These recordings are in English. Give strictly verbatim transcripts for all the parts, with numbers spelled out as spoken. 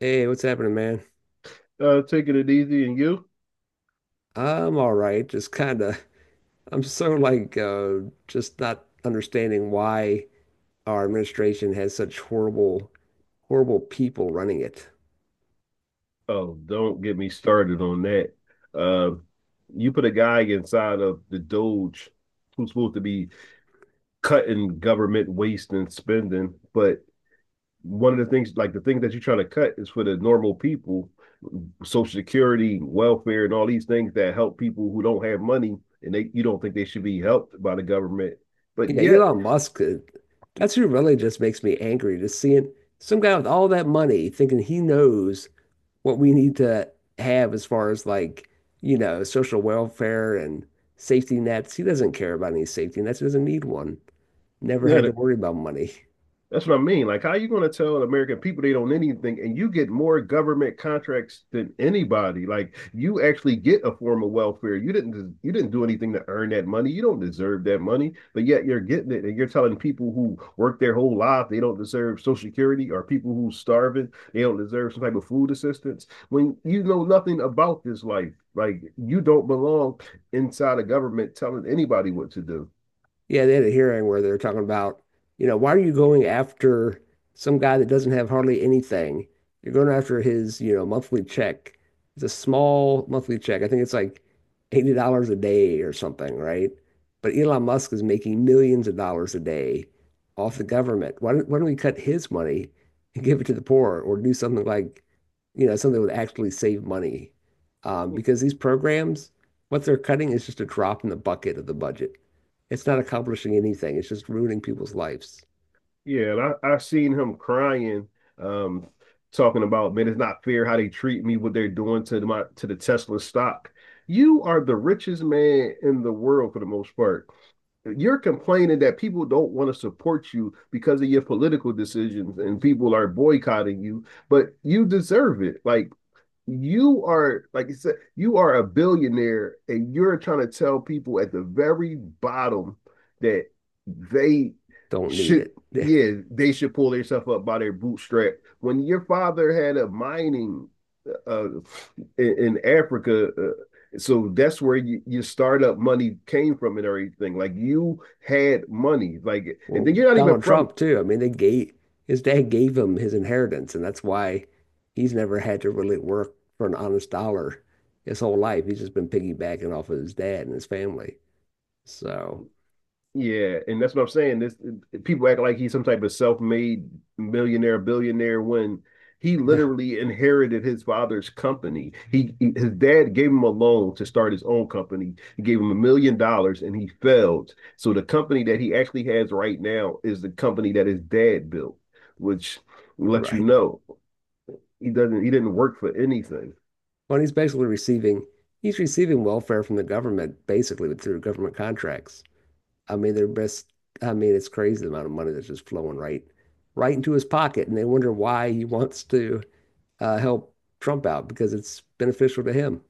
Hey, what's happening, man? Uh, taking it easy, and you? I'm all right. Just kind of, I'm so like, uh, just not understanding why our administration has such horrible, horrible people running it. Oh, don't get me started on that. Uh, you put a guy inside of the Doge who's supposed to be cutting government waste and spending, but one of the things, like the thing that you're trying to cut, is for the normal people, Social Security, welfare, and all these things that help people who don't have money, and they you don't think they should be helped by the government, but Yeah, yet, Elon Musk, uh, that's who really just makes me angry. Just seeing some guy with all that money thinking he knows what we need to have as far as like, you know, social welfare and safety nets. He doesn't care about any safety nets. He doesn't need one. Never had yeah, to worry about money. that's what I mean. Like, how are you going to tell American people they don't need anything, and you get more government contracts than anybody? Like, you actually get a form of welfare. You didn't. You didn't do anything to earn that money. You don't deserve that money, but yet you're getting it, and you're telling people who work their whole life they don't deserve Social Security, or people who starving they don't deserve some type of food assistance when you know nothing about this life. Like, you don't belong inside a government telling anybody what to do. Yeah, they had a hearing where they are talking about, you know, why are you going after some guy that doesn't have hardly anything? You're going after his, you know, monthly check. It's a small monthly check. I think it's like eighty dollars a day or something, right? But Elon Musk is making millions of dollars a day off the government. Why don't, why don't we cut his money and give it to the poor or do something like, you know, something that would actually save money? Um, because these programs, what they're cutting is just a drop in the bucket of the budget. It's not accomplishing anything. It's just ruining people's lives. Yeah, and I, I've seen him crying, um, talking about, man, it's not fair how they treat me, what they're doing to my to the Tesla stock. You are the richest man in the world for the most part. You're complaining that people don't want to support you because of your political decisions and people are boycotting you, but you deserve it. Like you are, like I said, you are a billionaire, and you're trying to tell people at the very bottom that they Don't need should, it. yeah, they should pull themselves up by their bootstrap. When your father had a mining uh, in, in Africa, uh, so that's where you, your startup money came from and everything. Like you had money, like, and Well, then you're not even Donald from. Trump too. I mean, they gave his dad gave him his inheritance, and that's why he's never had to really work for an honest dollar his whole life. He's just been piggybacking off of his dad and his family. So, Yeah, and that's what I'm saying. This people act like he's some type of self-made millionaire, billionaire when he literally inherited his father's company. He his dad gave him a loan to start his own company. He gave him a million dollars and he failed. So the company that he actually has right now is the company that his dad built, which lets you Right. know he doesn't he didn't work for anything. Well, he's basically receiving he's receiving welfare from the government basically through government contracts. I mean, they're best. I mean, it's crazy the amount of money that's just flowing right, right into his pocket, and they wonder why he wants to uh, help Trump out because it's beneficial to him.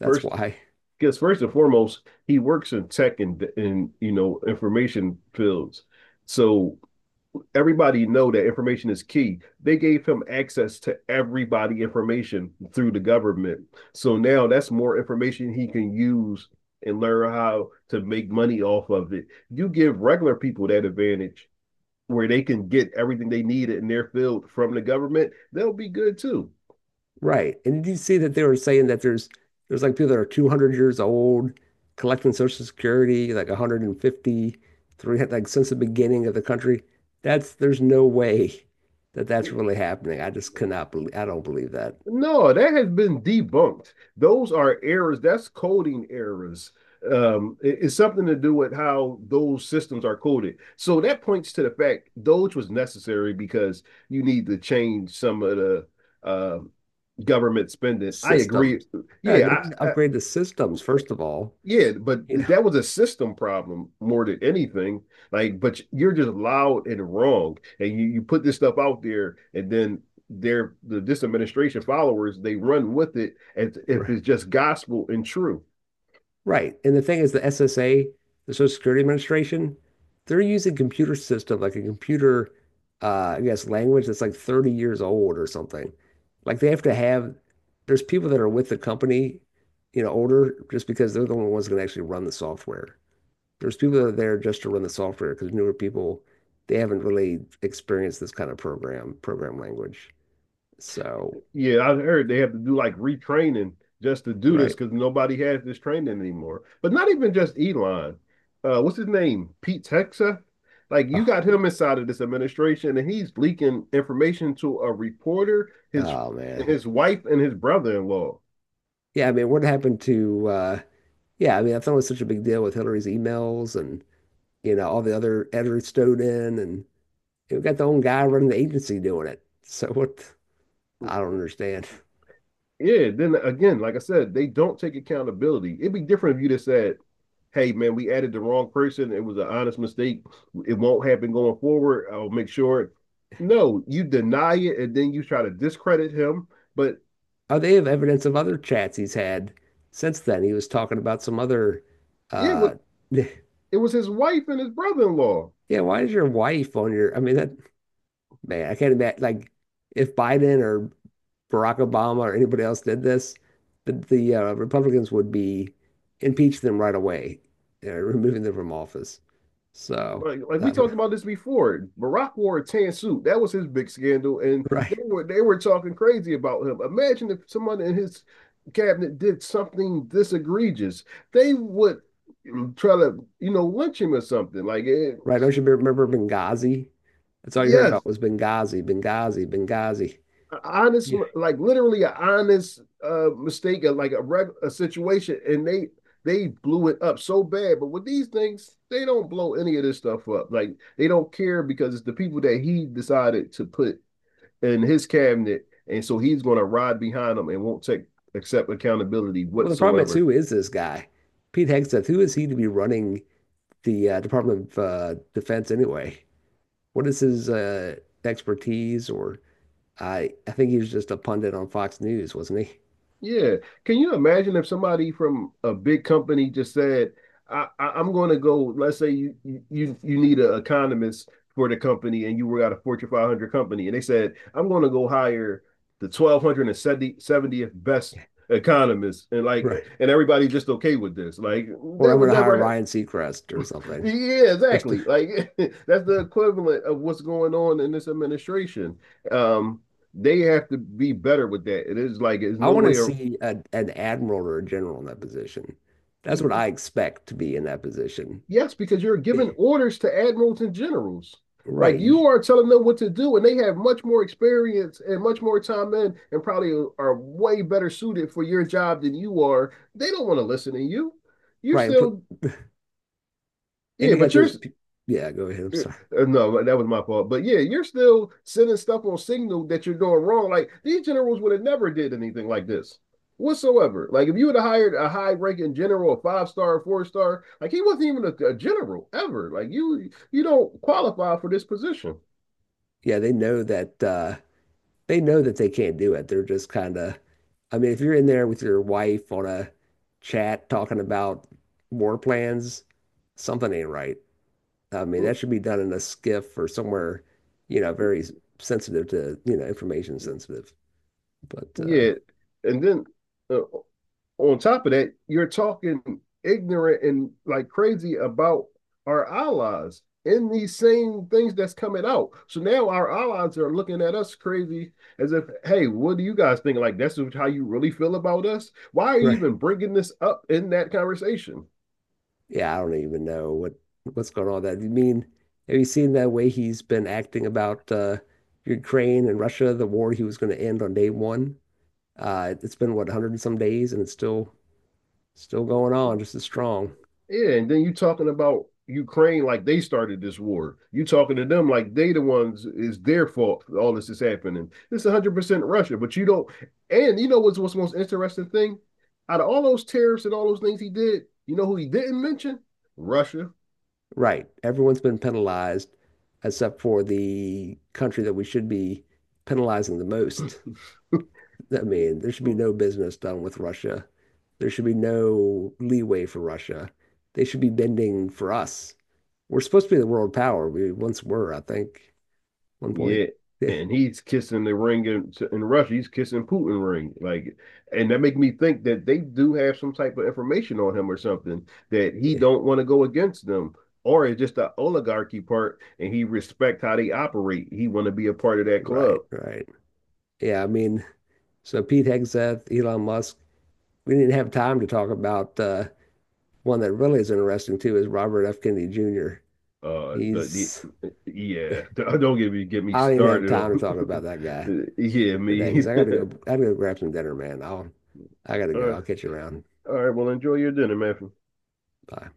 That's First, why, because first and foremost, he works in tech and and you know information fields. So everybody know that information is key. They gave him access to everybody information through the government. So now that's more information he can use and learn how to make money off of it. You give regular people that advantage where they can get everything they need in their field from the government, they'll be good too. right? And did you see that they were saying that there's there's like people that are two hundred years old collecting Social Security, like one hundred fifty, three hundred, like since the beginning of the country. That's There's no way that that's really happening. I just cannot believe. I don't believe that. No, that has been debunked. Those are errors. That's coding errors. Um, it- it's something to do with how those systems are coded. So that points to the fact Doge was necessary because you need to change some of the um government spending. I agree. Systems. No, they Yeah, didn't I, I, upgrade the systems, first of all. yeah, but You know, that was a system problem more than anything. Like, but you're just loud and wrong, and you, you put this stuff out there, and then their the this administration followers they run with it, and if Right. it's just gospel and true, Right. And the thing is, the S S A, the Social Security Administration, they're using computer system, like a computer, uh, I guess, language that's like thirty years old or something. Like they have to have, there's people that are with the company, you know, older just because they're the only ones that can actually run the software. There's people that are there just to run the software because newer people, they haven't really experienced this kind of program, program language. So, yeah, I heard they have to do like retraining just to do this right. because nobody has this training anymore. But not even just Elon. Uh, what's his name? Pete Hexa. Like you Oh, got him inside of this administration, and he's leaking information to a reporter, his oh, man. his wife, and his brother-in-law. Yeah, I mean, what happened to uh yeah, I mean, I thought was such a big deal with Hillary's emails and you know, all the other editors stowed in and we got the own guy running the agency doing it. So what I don't understand. Yeah. Then again, like I said, they don't take accountability. It'd be different if you just said, hey man, we added the wrong person. It was an honest mistake. It won't happen going forward. I'll make sure. No, you deny it and then you try to discredit him. But Oh, they have evidence of other chats he's had since then. He was talking about some other yeah, what uh yeah, it was his wife and his brother-in-law. why is your wife on your I mean that man, I can't imagine like if Biden or Barack Obama or anybody else did this, the, the uh, Republicans would be impeach them right away, uh, removing them from office. So Like, like I we don't know. talked about this before. Barack wore a tan suit. That was his big scandal, and Right. they were they were talking crazy about him. Imagine if someone in his cabinet did something this egregious. They would mm, try to, you know, lynch him or something. Like it, Right. Don't you remember Benghazi? That's all you heard yes, about was Benghazi, Benghazi, Benghazi. an honest, Yeah. like literally an honest uh, mistake, like a reg- a situation, and they they blew it up so bad. But with these things, they don't blow any of this stuff up. Like they don't care because it's the people that he decided to put in his cabinet, and so he's going to ride behind them and won't take accept accountability Well, the problem is, whatsoever. who is this guy? Pete Hegseth, who is he to be running the uh, Department of uh, Defense anyway? What is his uh, expertise? Or I, I think he was just a pundit on Fox News, wasn't he? Yeah. Can you imagine if somebody from a big company just said, I, I, I'm going to go, let's say you, you, you need an economist for the company and you were at a Fortune five hundred company and they said, I'm going to go hire the one thousand two hundred seventieth best Yeah. economist and like, Right. and everybody's just okay with this. Like Or that I'm would gonna hire never happen. Ryan Seacrest or something. Yeah, Just to, exactly. Like that's the equivalent of what's going on in this administration. Um, they have to be better with that. It is like, there's I no want to way or. see a, an admiral or a general in that position. That's what I expect to be in that position. Yes, because you're giving orders to admirals and generals. Like Right. You, you are telling them what to do, and they have much more experience and much more time in, and probably are way better suited for your job than you are. They don't want to listen to you. You're right. And, put, still, and yeah, you got but you're those. pe- Yeah, go ahead. I'm sorry. uh, no, that was my fault. But yeah, you're still sending stuff on Signal that you're doing wrong. Like these generals would have never did anything like this whatsoever. Like if you would have hired a high ranking general, a five star, four star, like he wasn't even a, a general ever. Like you, you don't qualify for this position. Yeah, they know that uh, they know that they can't do it. They're just kind of, I mean, if you're in there with your wife on a chat talking about war plans, something ain't right. I mean, that should be done in a skiff or somewhere, you know, very s- sensitive to, you know, information sensitive. But uh Yeah, and then uh, on top of that, you're talking ignorant and like crazy about our allies in these same things that's coming out. So now our allies are looking at us crazy as if, hey, what do you guys think? Like, that's how you really feel about us? Why are you right. even bringing this up in that conversation? Yeah, I don't even know what what's going on with that. You mean, have you seen that way he's been acting about uh Ukraine and Russia, the war he was going to end on day one? Uh it's been what, a hundred and some days and it's still still going on just as strong. Yeah, and then you talking about Ukraine like they started this war. You talking to them like they the ones is their fault all this is happening. This is one hundred percent Russia, but you don't and you know what's what's the most interesting thing? Out of all those tariffs and all those things he did, you know who he didn't mention? Russia. Right. Everyone's been penalized except for the country that we should be penalizing the most. I mean, there should be no business done with Russia. There should be no leeway for Russia. They should be bending for us. We're supposed to be the world power. We once were, I think, at one point. Yeah, and he's kissing the ring in, to- in Russia. He's kissing Putin ring, like, and that make me think that they do have some type of information on him or something that he Yeah. don't want to go against them, or it's just the oligarchy part, and he respect how they operate. He want to be a part of that Right, club. right. Yeah, I mean, so Pete Hegseth, Elon Musk. We didn't have time to talk about uh, one that really is interesting too is Robert F. Kennedy Junior Uh, the, He's the yeah, don't get me get me I don't even have started time to on talk about that guy yeah today because me. I gotta all, go. I gotta go grab some dinner, man. I'll I gotta go. right, I'll catch you around. all right, well enjoy your dinner, Matthew. Bye.